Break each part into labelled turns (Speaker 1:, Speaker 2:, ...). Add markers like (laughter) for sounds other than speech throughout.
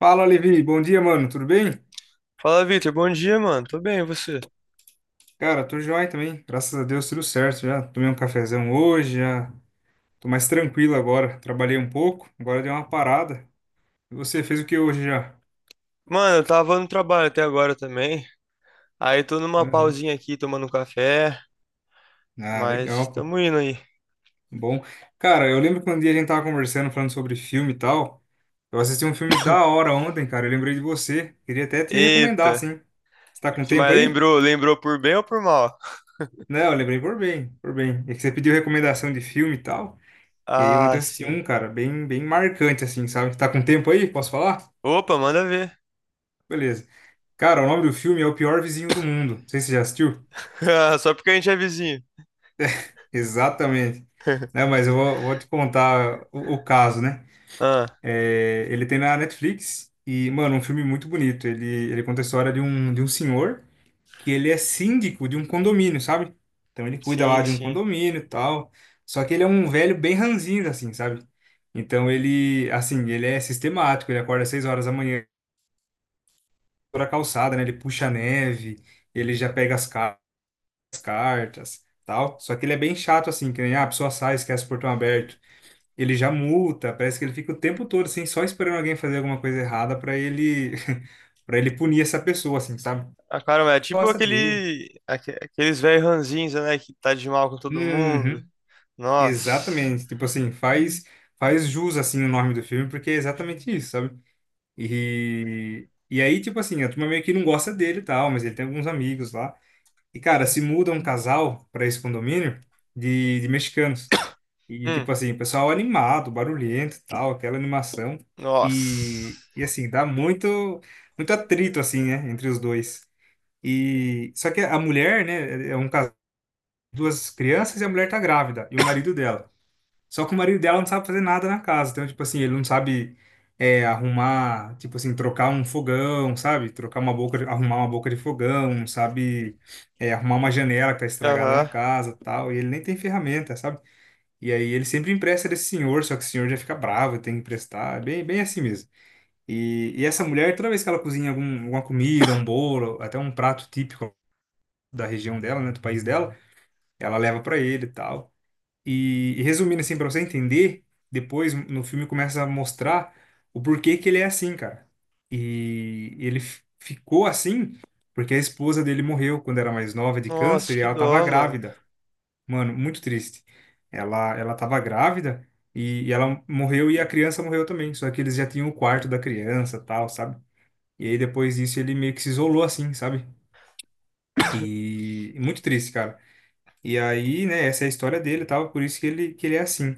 Speaker 1: Fala, Levi. Bom dia, mano. Tudo bem?
Speaker 2: Fala, Vitor. Bom dia, mano. Tô bem, e você?
Speaker 1: Cara, tô joia também. Graças a Deus, tudo certo. Já tomei um cafezão hoje, já tô mais tranquilo agora. Trabalhei um pouco, agora dei uma parada. E você fez o que hoje já?
Speaker 2: Mano, eu tava no trabalho até agora também. Aí tô numa
Speaker 1: Aham.
Speaker 2: pausinha aqui, tomando um café,
Speaker 1: Ah,
Speaker 2: mas
Speaker 1: legal, pô.
Speaker 2: tamo indo aí.
Speaker 1: Bom. Cara, eu lembro que um dia a gente tava conversando, falando sobre filme e tal. Eu assisti um filme da hora ontem, cara. Eu lembrei de você. Queria até te recomendar,
Speaker 2: Eita.
Speaker 1: sim. Você tá com tempo
Speaker 2: Mas
Speaker 1: aí?
Speaker 2: lembrou, lembrou por bem ou por mal? (laughs)
Speaker 1: Não, eu lembrei por bem, por bem. É que você pediu recomendação de filme e tal. E aí ontem
Speaker 2: Ah,
Speaker 1: eu assisti
Speaker 2: sim.
Speaker 1: um, cara, bem, bem marcante, assim, sabe? Tá com tempo aí? Posso falar?
Speaker 2: Opa, manda ver.
Speaker 1: Beleza. Cara, o nome do filme é O Pior Vizinho do Mundo. Não sei se você já assistiu.
Speaker 2: (laughs) Ah, só porque a gente é vizinho.
Speaker 1: Exatamente. Né,
Speaker 2: (laughs)
Speaker 1: mas eu vou, te contar o caso, né?
Speaker 2: Ah,
Speaker 1: É, ele tem na Netflix e, mano, um filme muito bonito. Ele conta a história de um senhor que ele é síndico de um condomínio, sabe? Então ele cuida lá
Speaker 2: sim,
Speaker 1: de um
Speaker 2: sim.
Speaker 1: condomínio e tal. Só que ele é um velho bem ranzinza, assim, sabe? Então ele, assim, ele é sistemático, ele acorda às 6 horas da manhã, toda a calçada, né? Ele puxa a neve, ele já pega as cartas, tal. Só que ele é bem chato assim, que nem a pessoa sai, esquece o portão aberto. Ele já multa, parece que ele fica o tempo todo assim, só esperando alguém fazer alguma coisa errada para ele (laughs) para ele punir essa pessoa assim, sabe?
Speaker 2: Ah, cara, é tipo
Speaker 1: Gosta dele.
Speaker 2: aquele, aqueles velhos ranzinza, né, que tá de mal com todo mundo.
Speaker 1: Uhum,
Speaker 2: Nossa.
Speaker 1: exatamente. Tipo assim, faz jus assim o nome do filme, porque é exatamente isso, sabe? E aí, tipo assim, a turma meio que não gosta dele e tal, mas ele tem alguns amigos lá. E, cara, se muda um casal para esse condomínio de mexicanos. E,
Speaker 2: Hum,
Speaker 1: tipo assim, o pessoal animado, barulhento e tal, aquela animação. E,
Speaker 2: nossa.
Speaker 1: e assim, dá muito, muito atrito, assim, né, entre os dois. E, só que a mulher, né, é um casal, duas crianças e a mulher tá grávida, e o marido dela. Só que o marido dela não sabe fazer nada na casa. Então, tipo assim, ele não sabe arrumar, tipo assim, trocar um fogão, sabe? Trocar uma boca, arrumar uma boca de fogão, não sabe arrumar uma janela que tá estragada na
Speaker 2: Aham.
Speaker 1: casa, tal. E ele nem tem ferramenta, sabe? E aí ele sempre empresta desse senhor, só que o senhor já fica bravo, tem que emprestar, é bem, bem assim mesmo. E essa mulher, toda vez que ela cozinha algum, alguma comida, um bolo, até um prato típico da região dela, né, do país dela, ela leva para ele e tal. E resumindo assim pra você entender, depois no filme começa a mostrar o porquê que ele é assim, cara. E ele ficou assim porque a esposa dele morreu quando era mais nova de
Speaker 2: Nossa,
Speaker 1: câncer e
Speaker 2: que
Speaker 1: ela tava
Speaker 2: dó, mano.
Speaker 1: grávida. Mano, muito triste. Ela tava grávida e ela morreu e a criança morreu também, só que eles já tinham o quarto da criança, tal, sabe? E aí depois disso ele meio que se isolou assim, sabe? E muito triste, cara. E aí, né, essa é a história dele, e tal, por isso que ele é assim.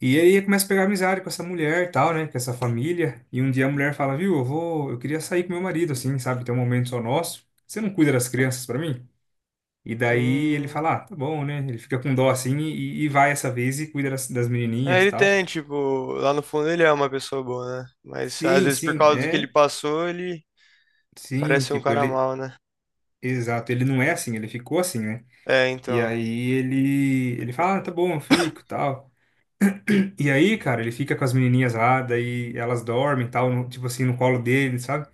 Speaker 1: E aí começa a pegar amizade com essa mulher e tal, né? Com essa família. E um dia a mulher fala, viu, eu queria sair com meu marido, assim, sabe? Ter um momento só nosso. Você não cuida das crianças pra mim? E daí ele
Speaker 2: Hum.
Speaker 1: fala, ah, tá bom, né? Ele fica com dó assim e vai essa vez e cuida das
Speaker 2: É,
Speaker 1: menininhas e
Speaker 2: ele
Speaker 1: tal.
Speaker 2: tem, tipo, lá no fundo ele é uma pessoa boa, né? Mas às
Speaker 1: Sim,
Speaker 2: vezes por
Speaker 1: sim,
Speaker 2: causa do que ele
Speaker 1: é,
Speaker 2: passou, ele
Speaker 1: sim,
Speaker 2: parece um
Speaker 1: tipo,
Speaker 2: cara
Speaker 1: ele,
Speaker 2: mal, né?
Speaker 1: exato, ele não é assim, ele ficou assim, né?
Speaker 2: É,
Speaker 1: E
Speaker 2: então.
Speaker 1: aí ele fala, ah, tá bom, eu fico, e tal. E aí, cara, ele fica com as menininhas lá, daí elas dormem, e tal, tipo assim, no colo dele, sabe?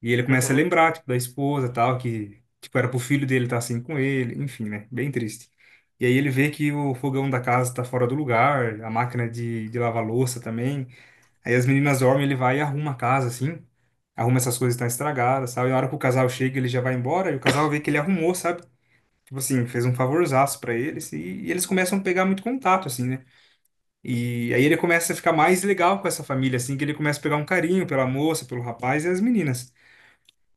Speaker 1: E ele começa a
Speaker 2: Uhum,
Speaker 1: lembrar, tipo, da esposa, tal, que, tipo, era pro filho dele estar assim com ele, enfim, né? Bem triste. E aí ele vê que o fogão da casa tá fora do lugar, a máquina de lavar louça também. Aí as meninas dormem, ele vai e arruma a casa, assim, arruma essas coisas que estão estragadas, sabe? E na hora que o casal chega, ele já vai embora, e o casal vê que ele arrumou, sabe? Tipo assim, fez um favorzaço pra eles, e eles começam a pegar muito contato, assim, né? E aí ele começa a ficar mais legal com essa família, assim, que ele começa a pegar um carinho pela moça, pelo rapaz e as meninas.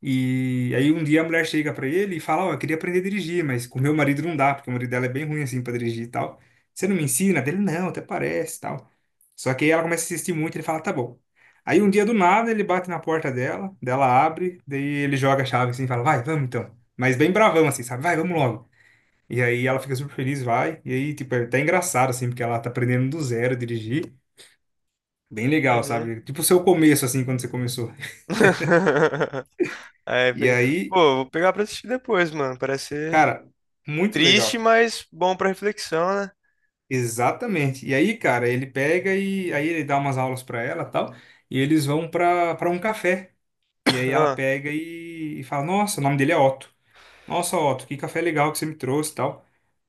Speaker 1: E aí um dia a mulher chega pra ele e fala, ó, eu queria aprender a dirigir, mas com meu marido não dá, porque o marido dela é bem ruim assim pra dirigir e tal. Você não me ensina? Dele, não, até parece, e tal. Só que aí ela começa a insistir muito, ele fala, tá bom. Aí um dia do nada ele bate na porta dela, dela abre, daí ele joga a chave assim, e fala, vai, vamos então. Mas bem bravão assim, sabe? Vai, vamos logo. E aí ela fica super feliz, vai. E aí, tipo, é até engraçado assim, porque ela tá aprendendo do zero a dirigir. Bem legal,
Speaker 2: uhum.
Speaker 1: sabe? Tipo o seu começo assim, quando você começou.
Speaker 2: (laughs) Aí,
Speaker 1: E
Speaker 2: pega...
Speaker 1: aí,
Speaker 2: Pô, vou pegar pra assistir depois, mano. Parece ser
Speaker 1: cara, muito legal.
Speaker 2: triste, mas bom pra reflexão, né?
Speaker 1: Exatamente. E aí, cara, ele pega e aí ele dá umas aulas pra ela, tal, e eles vão pra para um café. E
Speaker 2: (coughs)
Speaker 1: aí ela
Speaker 2: Ah,
Speaker 1: pega e fala: "Nossa, o nome dele é Otto. Nossa, Otto, que café legal que você me trouxe", tal.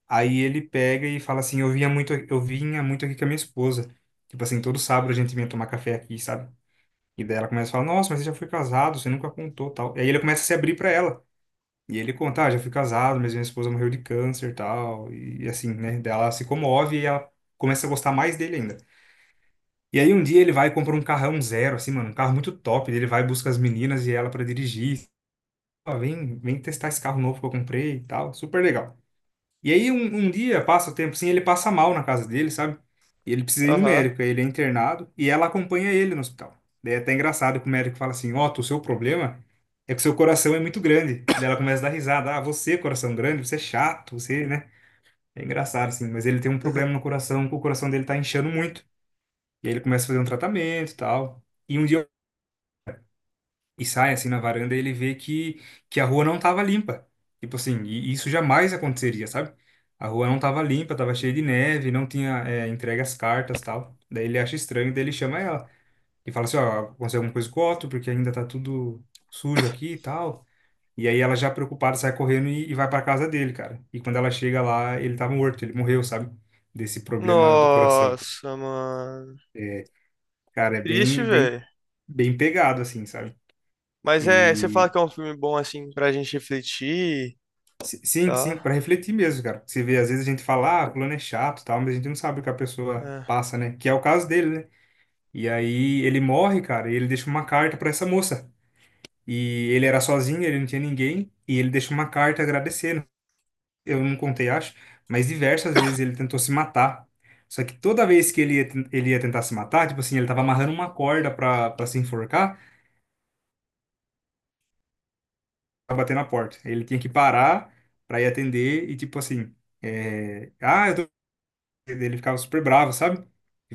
Speaker 1: Aí ele pega e fala assim: eu vinha muito aqui com a minha esposa. Tipo assim, todo sábado a gente vinha tomar café aqui, sabe?" E daí ela começa a falar: "Nossa, mas você já foi casado, você nunca contou", tal. E aí ele começa a se abrir pra ela. E ele conta, ah, já fui casado, mas minha esposa morreu de câncer e tal. E assim, né? Daí ela se comove e ela começa a gostar mais dele ainda. E aí um dia ele vai e compra um carrão zero, assim, mano, um carro muito top. Ele vai busca as meninas e ela pra dirigir. Ah, vem, vem testar esse carro novo que eu comprei e tal. Super legal. E aí um dia passa o tempo assim, ele passa mal na casa dele, sabe? E ele precisa ir no
Speaker 2: aham.
Speaker 1: médico, aí ele é internado e ela acompanha ele no hospital. Daí é até engraçado que o médico fala assim: Ó, o seu problema é que o seu coração é muito grande. Daí ela começa a dar risada: Ah, você, coração grande, você é chato, você, né? É engraçado assim, mas ele tem um problema no
Speaker 2: (laughs)
Speaker 1: coração, que o coração dele tá inchando muito. E aí ele começa a fazer um tratamento e tal. E um dia e sai assim na varanda e ele vê que a rua não tava limpa. Tipo assim, e isso jamais aconteceria, sabe? A rua não tava limpa, tava cheia de neve, não tinha entregue as cartas tal. Daí ele acha estranho, daí ele chama ela e fala assim, ó, aconteceu alguma coisa com o Otto, porque ainda tá tudo sujo aqui e tal. E aí ela já preocupada sai correndo e vai pra casa dele, cara. E quando ela chega lá, ele tava morto, ele morreu, sabe? Desse problema do coração.
Speaker 2: Nossa, mano.
Speaker 1: Cara, é
Speaker 2: Triste,
Speaker 1: bem, bem,
Speaker 2: velho.
Speaker 1: bem pegado assim, sabe?
Speaker 2: Mas é, você fala
Speaker 1: E
Speaker 2: que é um filme bom, assim, pra gente refletir,
Speaker 1: Sim, sim, para
Speaker 2: tá?
Speaker 1: refletir mesmo, cara. Você vê, às vezes a gente fala, ah, fulano é chato, e tal, mas a gente não sabe o que a pessoa
Speaker 2: É.
Speaker 1: passa, né? Que é o caso dele, né? E aí ele morre, cara, e ele deixa uma carta para essa moça. E ele era sozinho, ele não tinha ninguém, e ele deixa uma carta agradecendo. Eu não contei, acho, mas diversas vezes ele tentou se matar. Só que toda vez que ele ia tentar se matar, tipo assim, ele tava amarrando uma corda pra se enforcar, pra bater na porta. Ele tinha que parar pra ir atender e, tipo assim, eu tô. Ele ficava super bravo, sabe? Ele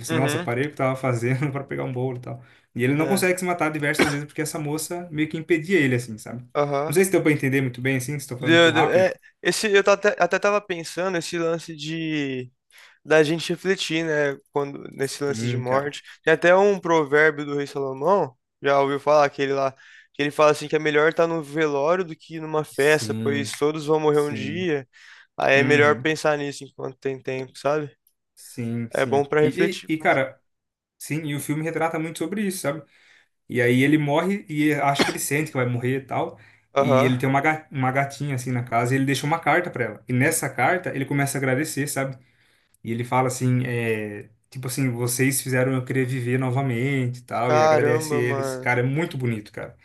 Speaker 1: disse, nossa,
Speaker 2: Uhum,
Speaker 1: parei o que tava fazendo (laughs) para pegar um bolo e tal. E ele não consegue
Speaker 2: é.
Speaker 1: se matar diversas vezes porque essa moça meio que impedia ele, assim, sabe? Não
Speaker 2: Aham.
Speaker 1: sei se deu pra entender muito bem, assim, se estou falando
Speaker 2: Deu,
Speaker 1: muito
Speaker 2: deu.
Speaker 1: rápido.
Speaker 2: É, esse, eu tô até, até tava pensando esse lance de da gente refletir, né, quando nesse lance de
Speaker 1: Sim, cara.
Speaker 2: morte. Tem até um provérbio do rei Salomão, já ouviu falar aquele lá, que ele fala assim que é melhor estar no velório do que numa festa, pois
Speaker 1: Sim,
Speaker 2: todos vão morrer um
Speaker 1: sim.
Speaker 2: dia. Aí é melhor
Speaker 1: Uhum.
Speaker 2: pensar nisso enquanto tem tempo, sabe?
Speaker 1: Sim,
Speaker 2: É
Speaker 1: sim.
Speaker 2: bom pra
Speaker 1: E,
Speaker 2: refletir.
Speaker 1: e, e,
Speaker 2: Muito.
Speaker 1: cara, sim, e o filme retrata muito sobre isso, sabe? E aí ele morre e acho que ele sente que vai morrer e tal. E
Speaker 2: Aham.
Speaker 1: ele tem uma, uma gatinha, assim, na casa e ele deixa uma carta pra ela. E nessa carta ele começa a agradecer, sabe? E ele fala assim, tipo assim, vocês fizeram eu querer viver novamente e tal, e agradece
Speaker 2: Caramba,
Speaker 1: eles.
Speaker 2: mano.
Speaker 1: Cara, é muito bonito, cara.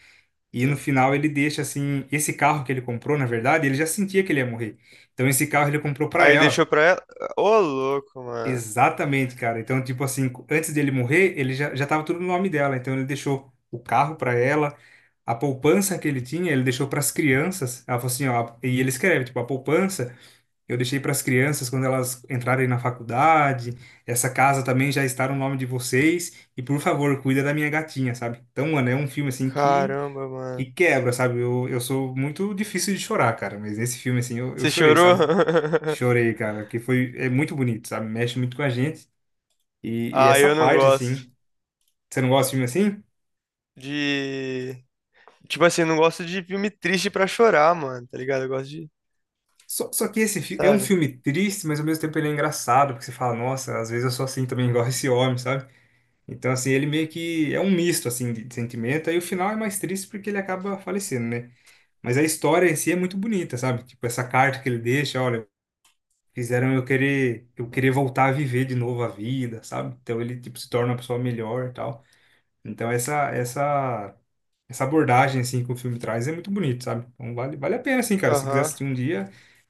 Speaker 1: E no final ele deixa assim, esse carro que ele comprou, na verdade, ele já sentia que ele ia morrer. Então esse carro ele comprou pra
Speaker 2: Aí deixou
Speaker 1: ela.
Speaker 2: pra ela. Ô, louco, mano.
Speaker 1: Exatamente, cara. Então, tipo assim, antes dele morrer, ele já tava tudo no nome dela. Então ele deixou o carro pra ela, a poupança que ele tinha, ele deixou pras crianças. Ela falou assim, ó, e ele escreve, tipo, a poupança eu deixei para as crianças quando elas entrarem na faculdade. Essa casa também já está no nome de vocês. E por favor, cuida da minha gatinha, sabe? Então, mano, é um filme assim que,
Speaker 2: Caramba,
Speaker 1: que
Speaker 2: mano.
Speaker 1: quebra, sabe? Eu sou muito difícil de chorar, cara. Mas nesse filme, assim, eu
Speaker 2: Você
Speaker 1: chorei,
Speaker 2: chorou?
Speaker 1: sabe?
Speaker 2: (laughs)
Speaker 1: Chorei, cara, que foi, é muito bonito, sabe? Mexe muito com a gente. E
Speaker 2: Ah,
Speaker 1: essa
Speaker 2: eu não
Speaker 1: parte,
Speaker 2: gosto
Speaker 1: assim, você não gosta de filme assim?
Speaker 2: de. Tipo assim, eu não gosto de filme triste pra chorar, mano, tá ligado? Eu gosto de.
Speaker 1: Só que esse é um
Speaker 2: Sabe?
Speaker 1: filme triste, mas ao mesmo tempo ele é engraçado, porque você fala, nossa, às vezes eu sou assim também, (laughs) igual esse homem, sabe? Então, assim, ele meio que é um misto, assim, de sentimento. Aí o final é mais triste porque ele acaba falecendo, né? Mas a história em si é muito bonita, sabe? Tipo, essa carta que ele deixa, olha, fizeram eu querer voltar a viver de novo a vida, sabe? Então ele, tipo, se torna uma pessoa melhor e tal. Então essa, essa abordagem, assim, que o filme traz é muito bonito, sabe? Então vale a pena, assim, cara. Se quiser
Speaker 2: Aham.
Speaker 1: assistir um dia,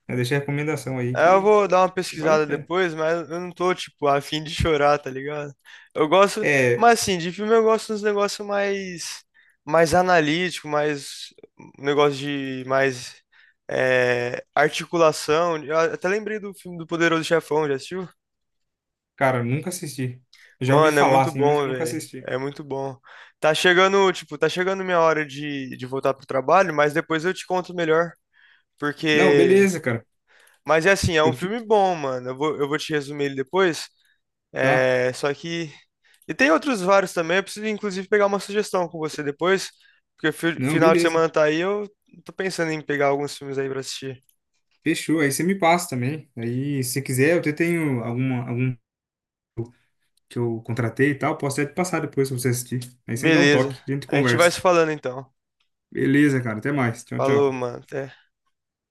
Speaker 1: né, deixa a recomendação aí
Speaker 2: Aí eu
Speaker 1: que,
Speaker 2: vou dar uma
Speaker 1: que vale a
Speaker 2: pesquisada
Speaker 1: pena.
Speaker 2: depois, mas eu não tô, tipo, a fim de chorar, tá ligado? Eu gosto.
Speaker 1: É,
Speaker 2: Mas assim, de filme eu gosto dos negócios mais. Mais analítico, mais. Um negócio de. Mais. É, articulação. Eu até lembrei do filme do Poderoso Chefão, já assistiu?
Speaker 1: cara, nunca assisti. Já ouvi
Speaker 2: Mano, é
Speaker 1: falar,
Speaker 2: muito
Speaker 1: assim, mas eu
Speaker 2: bom,
Speaker 1: nunca
Speaker 2: velho.
Speaker 1: assisti.
Speaker 2: É muito bom. Tá chegando, tipo, tá chegando minha hora de voltar pro trabalho, mas depois eu te conto melhor.
Speaker 1: Não,
Speaker 2: Porque.
Speaker 1: beleza, cara.
Speaker 2: Mas é assim, é um
Speaker 1: Eu te.
Speaker 2: filme bom, mano. Eu vou te resumir ele depois.
Speaker 1: Tá.
Speaker 2: É, só que. E tem outros vários também. Eu preciso, inclusive, pegar uma sugestão com você depois. Porque
Speaker 1: Não,
Speaker 2: final de
Speaker 1: beleza.
Speaker 2: semana tá aí, eu tô pensando em pegar alguns filmes aí pra assistir.
Speaker 1: Fechou. Aí você me passa também. Aí, se quiser, eu até tenho algum que eu contratei e tal. Posso até te passar depois pra você assistir. Aí você me dá um
Speaker 2: Beleza.
Speaker 1: toque. A gente
Speaker 2: A gente vai se
Speaker 1: conversa.
Speaker 2: falando então.
Speaker 1: Beleza, cara. Até mais. Tchau,
Speaker 2: Falou,
Speaker 1: tchau.
Speaker 2: mano. Até.